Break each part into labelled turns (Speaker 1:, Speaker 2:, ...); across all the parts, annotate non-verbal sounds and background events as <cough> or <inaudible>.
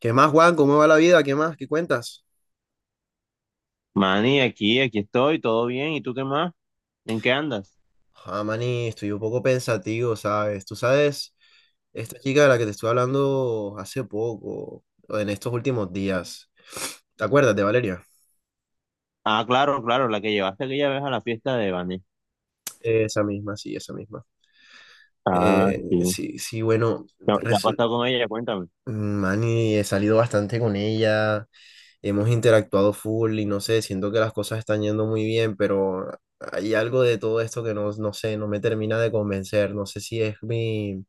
Speaker 1: ¿Qué más, Juan? ¿Cómo va la vida? ¿Qué más? ¿Qué cuentas?
Speaker 2: Manny, aquí estoy, todo bien. ¿Y tú qué más? ¿En qué andas?
Speaker 1: Ah, maní, estoy un poco pensativo, ¿sabes? Tú sabes, esta chica de la que te estoy hablando hace poco, o en estos últimos días, ¿te acuerdas de Valeria?
Speaker 2: Ah, claro, claro, la que llevaste aquella vez a la fiesta de Vanessa.
Speaker 1: Esa misma, sí, esa misma.
Speaker 2: Ah, sí.
Speaker 1: Sí, sí, bueno,
Speaker 2: Qué ha pasado con ella? Cuéntame.
Speaker 1: mani, he salido bastante con ella, hemos interactuado full y no sé, siento que las cosas están yendo muy bien, pero hay algo de todo esto que no, no sé, no me termina de convencer, no sé si es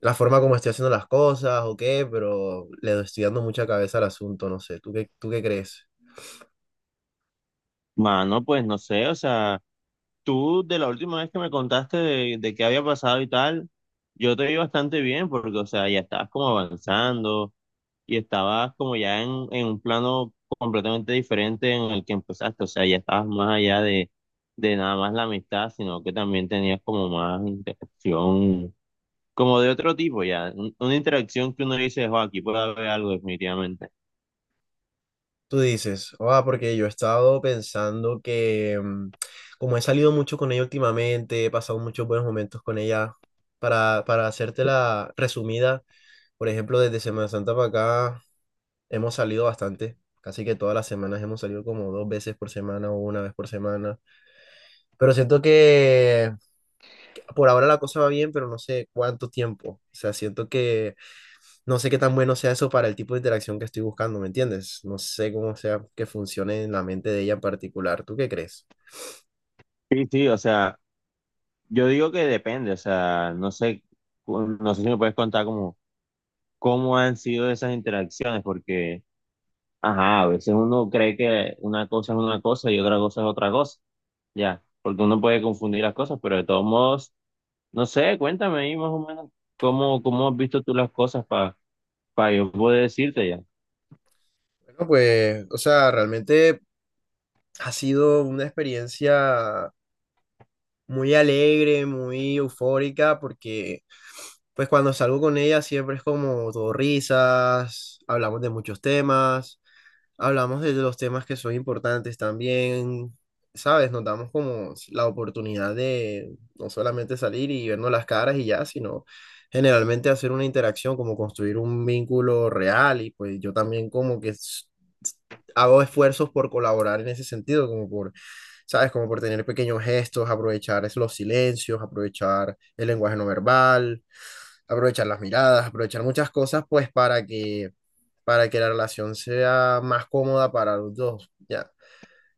Speaker 1: la forma como estoy haciendo las cosas o qué, pero estoy dando mucha cabeza al asunto, no sé, tú qué crees?
Speaker 2: Mano, pues no sé, o sea, tú de la última vez que me contaste de qué había pasado y tal, yo te vi bastante bien porque, o sea, ya estabas como avanzando y estabas como ya en un plano completamente diferente en el que empezaste, o sea, ya estabas más allá de nada más la amistad, sino que también tenías como más interacción como de otro tipo ya, una interacción que uno dice, "Jo, aquí puede haber algo definitivamente".
Speaker 1: Tú dices, ah, porque yo he estado pensando que como he salido mucho con ella últimamente, he pasado muchos buenos momentos con ella, para hacerte la resumida, por ejemplo, desde Semana Santa para acá hemos salido bastante. Casi que todas las semanas hemos salido como dos veces por semana o una vez por semana. Pero siento que por ahora la cosa va bien, pero no sé cuánto tiempo. O sea, siento que no sé qué tan bueno sea eso para el tipo de interacción que estoy buscando, ¿me entiendes? No sé cómo sea que funcione en la mente de ella en particular. ¿Tú qué crees?
Speaker 2: Sí, sí, o sea, yo digo que depende, o sea, no sé, no sé si me puedes contar como cómo han sido esas interacciones, porque, ajá, a veces uno cree que una cosa es una cosa y otra cosa es otra cosa, ya, porque uno puede confundir las cosas, pero de todos modos, no sé, cuéntame ahí más o menos cómo, cómo has visto tú las cosas para yo poder decirte ya.
Speaker 1: Bueno, pues, o sea, realmente ha sido una experiencia muy alegre, muy eufórica, porque pues cuando salgo con ella siempre es como todo risas, hablamos de muchos temas, hablamos de los temas que son importantes también, ¿sabes? Nos damos como la oportunidad de no solamente salir y vernos las caras y ya, sino generalmente hacer una interacción, como construir un vínculo real y pues yo también como hago esfuerzos por colaborar en ese sentido, como por, ¿sabes? Como por tener pequeños gestos, aprovechar los silencios, aprovechar el lenguaje no verbal, aprovechar las miradas, aprovechar muchas cosas, pues para que la relación sea más cómoda para los dos, ya.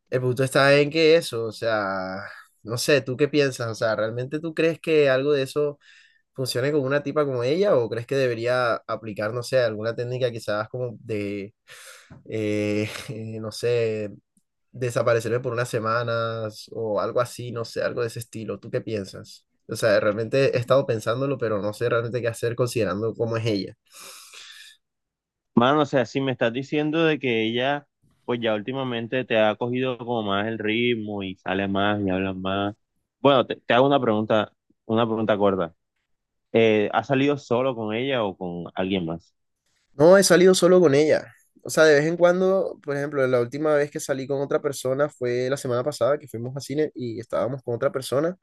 Speaker 1: El punto está en que eso, o sea, no sé, ¿tú qué piensas? O sea, ¿realmente tú crees que algo de eso funcione con una tipa como ella o crees que debería aplicar, no sé, alguna técnica quizás como de, eh, <laughs> no sé, desaparecerme por unas semanas o algo así, no sé, algo de ese estilo. ¿Tú qué piensas? O sea, realmente he estado pensándolo, pero no sé realmente qué hacer considerando cómo es ella.
Speaker 2: Mano, o sea, si me estás diciendo de que ella, pues ya últimamente te ha cogido como más el ritmo y sale más y habla más. Bueno, te hago una pregunta corta. ¿Has salido solo con ella o con alguien más?
Speaker 1: No, he salido solo con ella. O sea, de vez en cuando, por ejemplo, la última vez que salí con otra persona fue la semana pasada que fuimos a cine y estábamos con otra persona,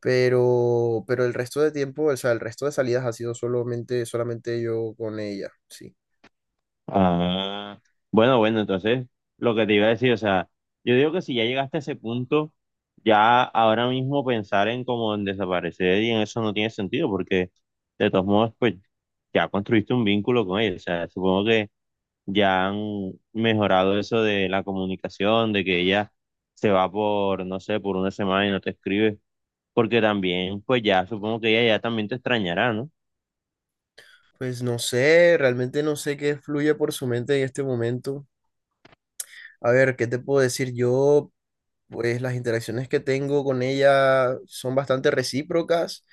Speaker 1: pero el resto de tiempo, o sea, el resto de salidas ha sido solamente yo con ella, sí.
Speaker 2: Ah, bueno, bueno, entonces lo que te iba a decir, o sea, yo digo que si ya llegaste a ese punto, ya ahora mismo pensar en como en desaparecer y en eso no tiene sentido porque de todos modos, pues ya construiste un vínculo con ella, o sea, supongo que ya han mejorado eso de la comunicación, de que ella se va por, no sé, por una semana y no te escribe, porque también, pues ya supongo que ella ya también te extrañará, ¿no?
Speaker 1: Pues no sé, realmente no sé qué fluye por su mente en este momento. A ver, ¿qué te puedo decir? Yo, pues las interacciones que tengo con ella son bastante recíprocas.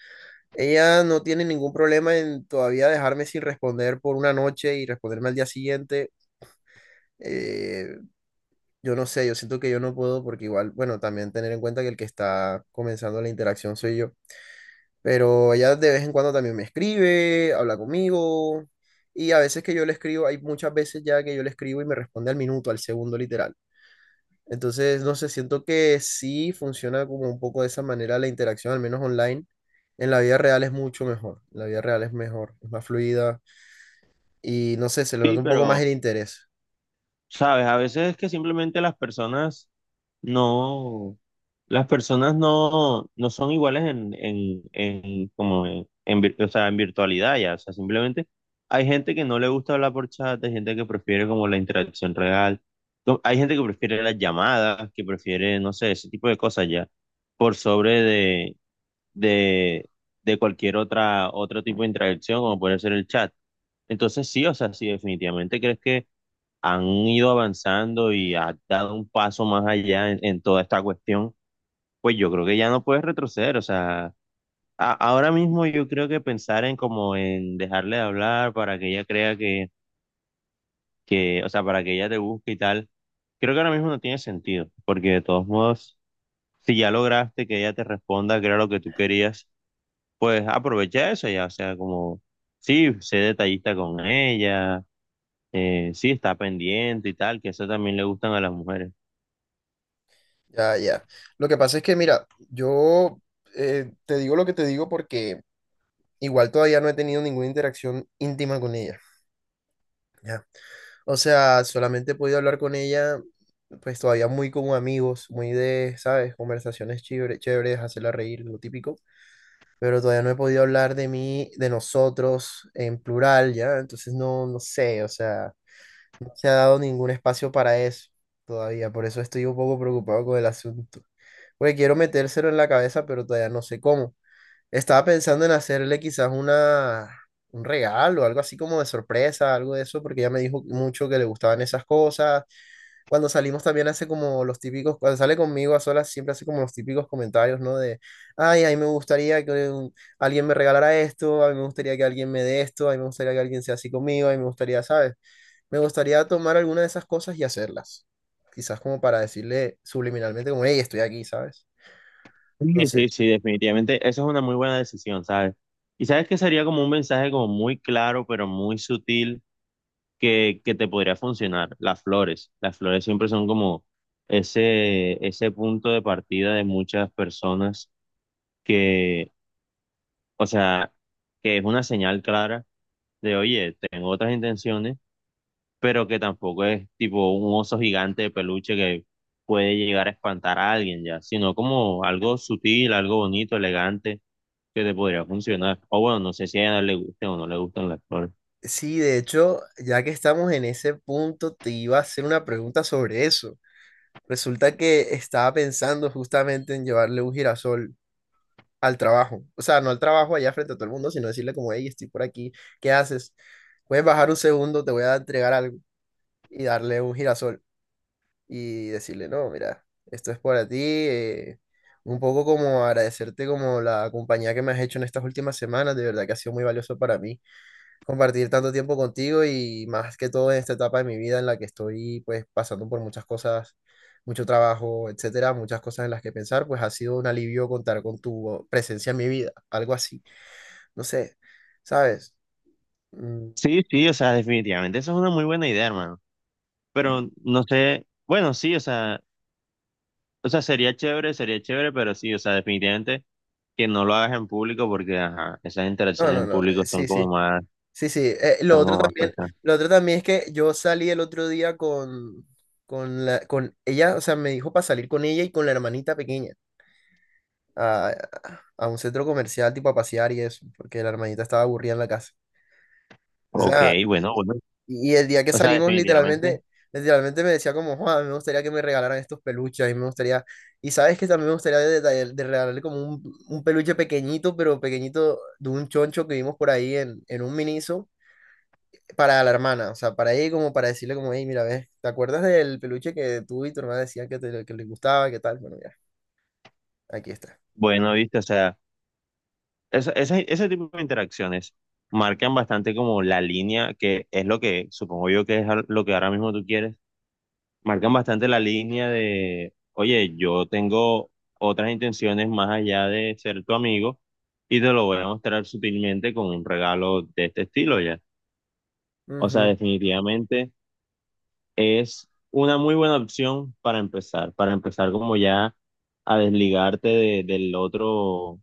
Speaker 1: Ella no tiene ningún problema en todavía dejarme sin responder por una noche y responderme al día siguiente. Eh, yo no sé, yo siento que yo no puedo porque igual, bueno, también tener en cuenta que el que está comenzando la interacción soy yo. Pero ella de vez en cuando también me escribe, habla conmigo. Y a veces que yo le escribo, hay muchas veces ya que yo le escribo y me responde al minuto, al segundo literal. Entonces, no sé, siento que sí funciona como un poco de esa manera la interacción, al menos online. En la vida real es mucho mejor. En la vida real es mejor, es más fluida y no sé, se le nota
Speaker 2: Sí,
Speaker 1: un poco más
Speaker 2: pero,
Speaker 1: el interés.
Speaker 2: sabes, a veces es que simplemente las personas no, las personas no, no son iguales como en o sea, en virtualidad ya. O sea, simplemente hay gente que no le gusta hablar por chat, hay gente que prefiere como la interacción real. No, hay gente que prefiere las llamadas, que prefiere, no sé, ese tipo de cosas ya, por sobre de, de cualquier otra, otro tipo de interacción, como puede ser el chat. Entonces sí, o sea, sí, definitivamente crees que han ido avanzando y ha dado un paso más allá en toda esta cuestión, pues yo creo que ya no puedes retroceder, o sea, ahora mismo yo creo que pensar en como en dejarle de hablar para que ella crea que, o sea, para que ella te busque y tal, creo que ahora mismo no tiene sentido, porque de todos modos, si ya lograste que ella te responda, que era lo que tú querías, pues aprovecha eso ya, o sea, como, sí, sé detallista con ella, sí, está pendiente y tal, que eso también le gustan a las mujeres.
Speaker 1: Ya, ya. Lo que pasa es que, mira, yo te digo lo que te digo porque igual todavía no he tenido ninguna interacción íntima con ella. Ya. O sea, solamente he podido hablar con ella, pues todavía muy como amigos, muy de, ¿sabes? Conversaciones chéveres, hacerla reír, lo típico. Pero todavía no he podido hablar de mí, de nosotros en plural, ¿ya? Entonces no sé, o sea, no se ha dado ningún espacio para eso todavía, por eso estoy un poco preocupado con el asunto. Porque quiero metérselo en la cabeza, pero todavía no sé cómo. Estaba pensando en hacerle quizás un regalo, algo así como de sorpresa, algo de eso, porque ella me dijo mucho que le gustaban esas cosas cuando salimos también hace como los típicos, cuando sale conmigo a solas siempre hace como los típicos comentarios, ¿no? De, ay, a mí me gustaría que alguien me regalara esto, a mí me gustaría que alguien me dé esto, a mí me gustaría que alguien sea así conmigo, a mí me gustaría, ¿sabes? Me gustaría tomar alguna de esas cosas y hacerlas. Quizás como para decirle subliminalmente como, hey, estoy aquí, ¿sabes? No
Speaker 2: Sí,
Speaker 1: sé.
Speaker 2: sí, sí, definitivamente. Esa es una muy buena decisión, ¿sabes? Y sabes que sería como un mensaje como muy claro, pero muy sutil, que te podría funcionar. Las flores. Las flores siempre son como ese punto de partida de muchas personas que, o sea, que es una señal clara de, oye, tengo otras intenciones, pero que tampoco es tipo un oso gigante de peluche que puede llegar a espantar a alguien ya, sino como algo sutil, algo bonito, elegante que te podría funcionar. O bueno, no sé si a ella le guste o no le gustan las flores.
Speaker 1: Sí, de hecho, ya que estamos en ese punto, te iba a hacer una pregunta sobre eso. Resulta que estaba pensando justamente en llevarle un girasol al trabajo. O sea, no al trabajo allá frente a todo el mundo, sino decirle como, hey, estoy por aquí, ¿qué haces? Puedes bajar un segundo, te voy a entregar algo y darle un girasol y decirle, no, mira, esto es para ti. Un poco como agradecerte como la compañía que me has hecho en estas últimas semanas, de verdad que ha sido muy valioso para mí compartir tanto tiempo contigo y más que todo en esta etapa de mi vida en la que estoy pues pasando por muchas cosas, mucho trabajo, etcétera, muchas cosas en las que pensar, pues ha sido un alivio contar con tu presencia en mi vida, algo así, no sé, ¿sabes? Mm,
Speaker 2: Sí, sí, o sea, definitivamente esa es una muy buena idea, hermano. Pero no sé, bueno, sí, o sea, sería chévere, pero sí, o sea, definitivamente que no lo hagas en público porque, ajá, esas
Speaker 1: No,
Speaker 2: interacciones
Speaker 1: no,
Speaker 2: en
Speaker 1: no,
Speaker 2: público
Speaker 1: sí, sí, sí, sí. Lo
Speaker 2: son
Speaker 1: otro
Speaker 2: como más
Speaker 1: también,
Speaker 2: pesadas.
Speaker 1: lo otro también es que yo salí el otro día con, con ella, o sea, me dijo para salir con ella y con la hermanita pequeña, a, a un centro comercial tipo a pasear y eso, porque la hermanita estaba aburrida en la casa. O
Speaker 2: Ok,
Speaker 1: sea,
Speaker 2: bueno, bueno,
Speaker 1: y el día que
Speaker 2: o sea,
Speaker 1: salimos
Speaker 2: definitivamente,
Speaker 1: literalmente, literalmente me decía como, Juan, me gustaría que me regalaran estos peluches, a mí me gustaría, y sabes que también me gustaría de regalarle como un peluche pequeñito, pero pequeñito de un choncho que vimos por ahí en un Miniso. Para la hermana, o sea, para ella como para decirle como, hey, mira, ves, ¿te acuerdas del peluche que tú y tu hermana decían que les gustaba, qué tal? Bueno, ya, aquí está.
Speaker 2: bueno, viste, o sea, ese tipo de interacciones marcan bastante como la línea que es lo que supongo yo que es lo que ahora mismo tú quieres, marcan bastante la línea de, oye, yo tengo otras intenciones más allá de ser tu amigo y te lo voy a mostrar sutilmente con un regalo de este estilo ya. O sea,
Speaker 1: Ujú.
Speaker 2: definitivamente es una muy buena opción para empezar como ya a desligarte del otro, o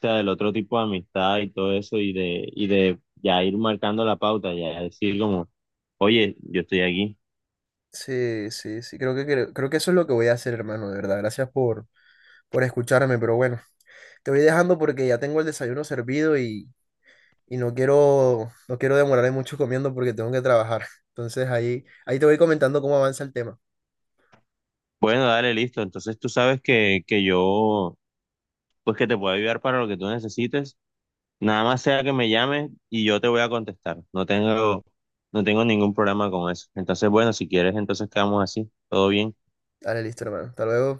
Speaker 2: sea, del otro tipo de amistad y todo eso y de ya ir marcando la pauta, ya decir como, oye, yo estoy aquí.
Speaker 1: Sí, sí, sí, creo, creo que eso es lo que voy a hacer, hermano, de verdad. Gracias por escucharme, pero bueno, te voy dejando porque ya tengo el desayuno servido y no quiero, no quiero demorarme mucho comiendo porque tengo que trabajar. Entonces ahí, ahí te voy comentando cómo avanza el tema.
Speaker 2: Bueno, dale, listo. Entonces tú sabes que yo pues que te pueda ayudar para lo que tú necesites. Nada más sea que me llames y yo te voy a contestar. No tengo, no tengo ningún problema con eso. Entonces, bueno, si quieres, entonces quedamos así. Todo bien.
Speaker 1: Dale, listo, hermano. Hasta luego.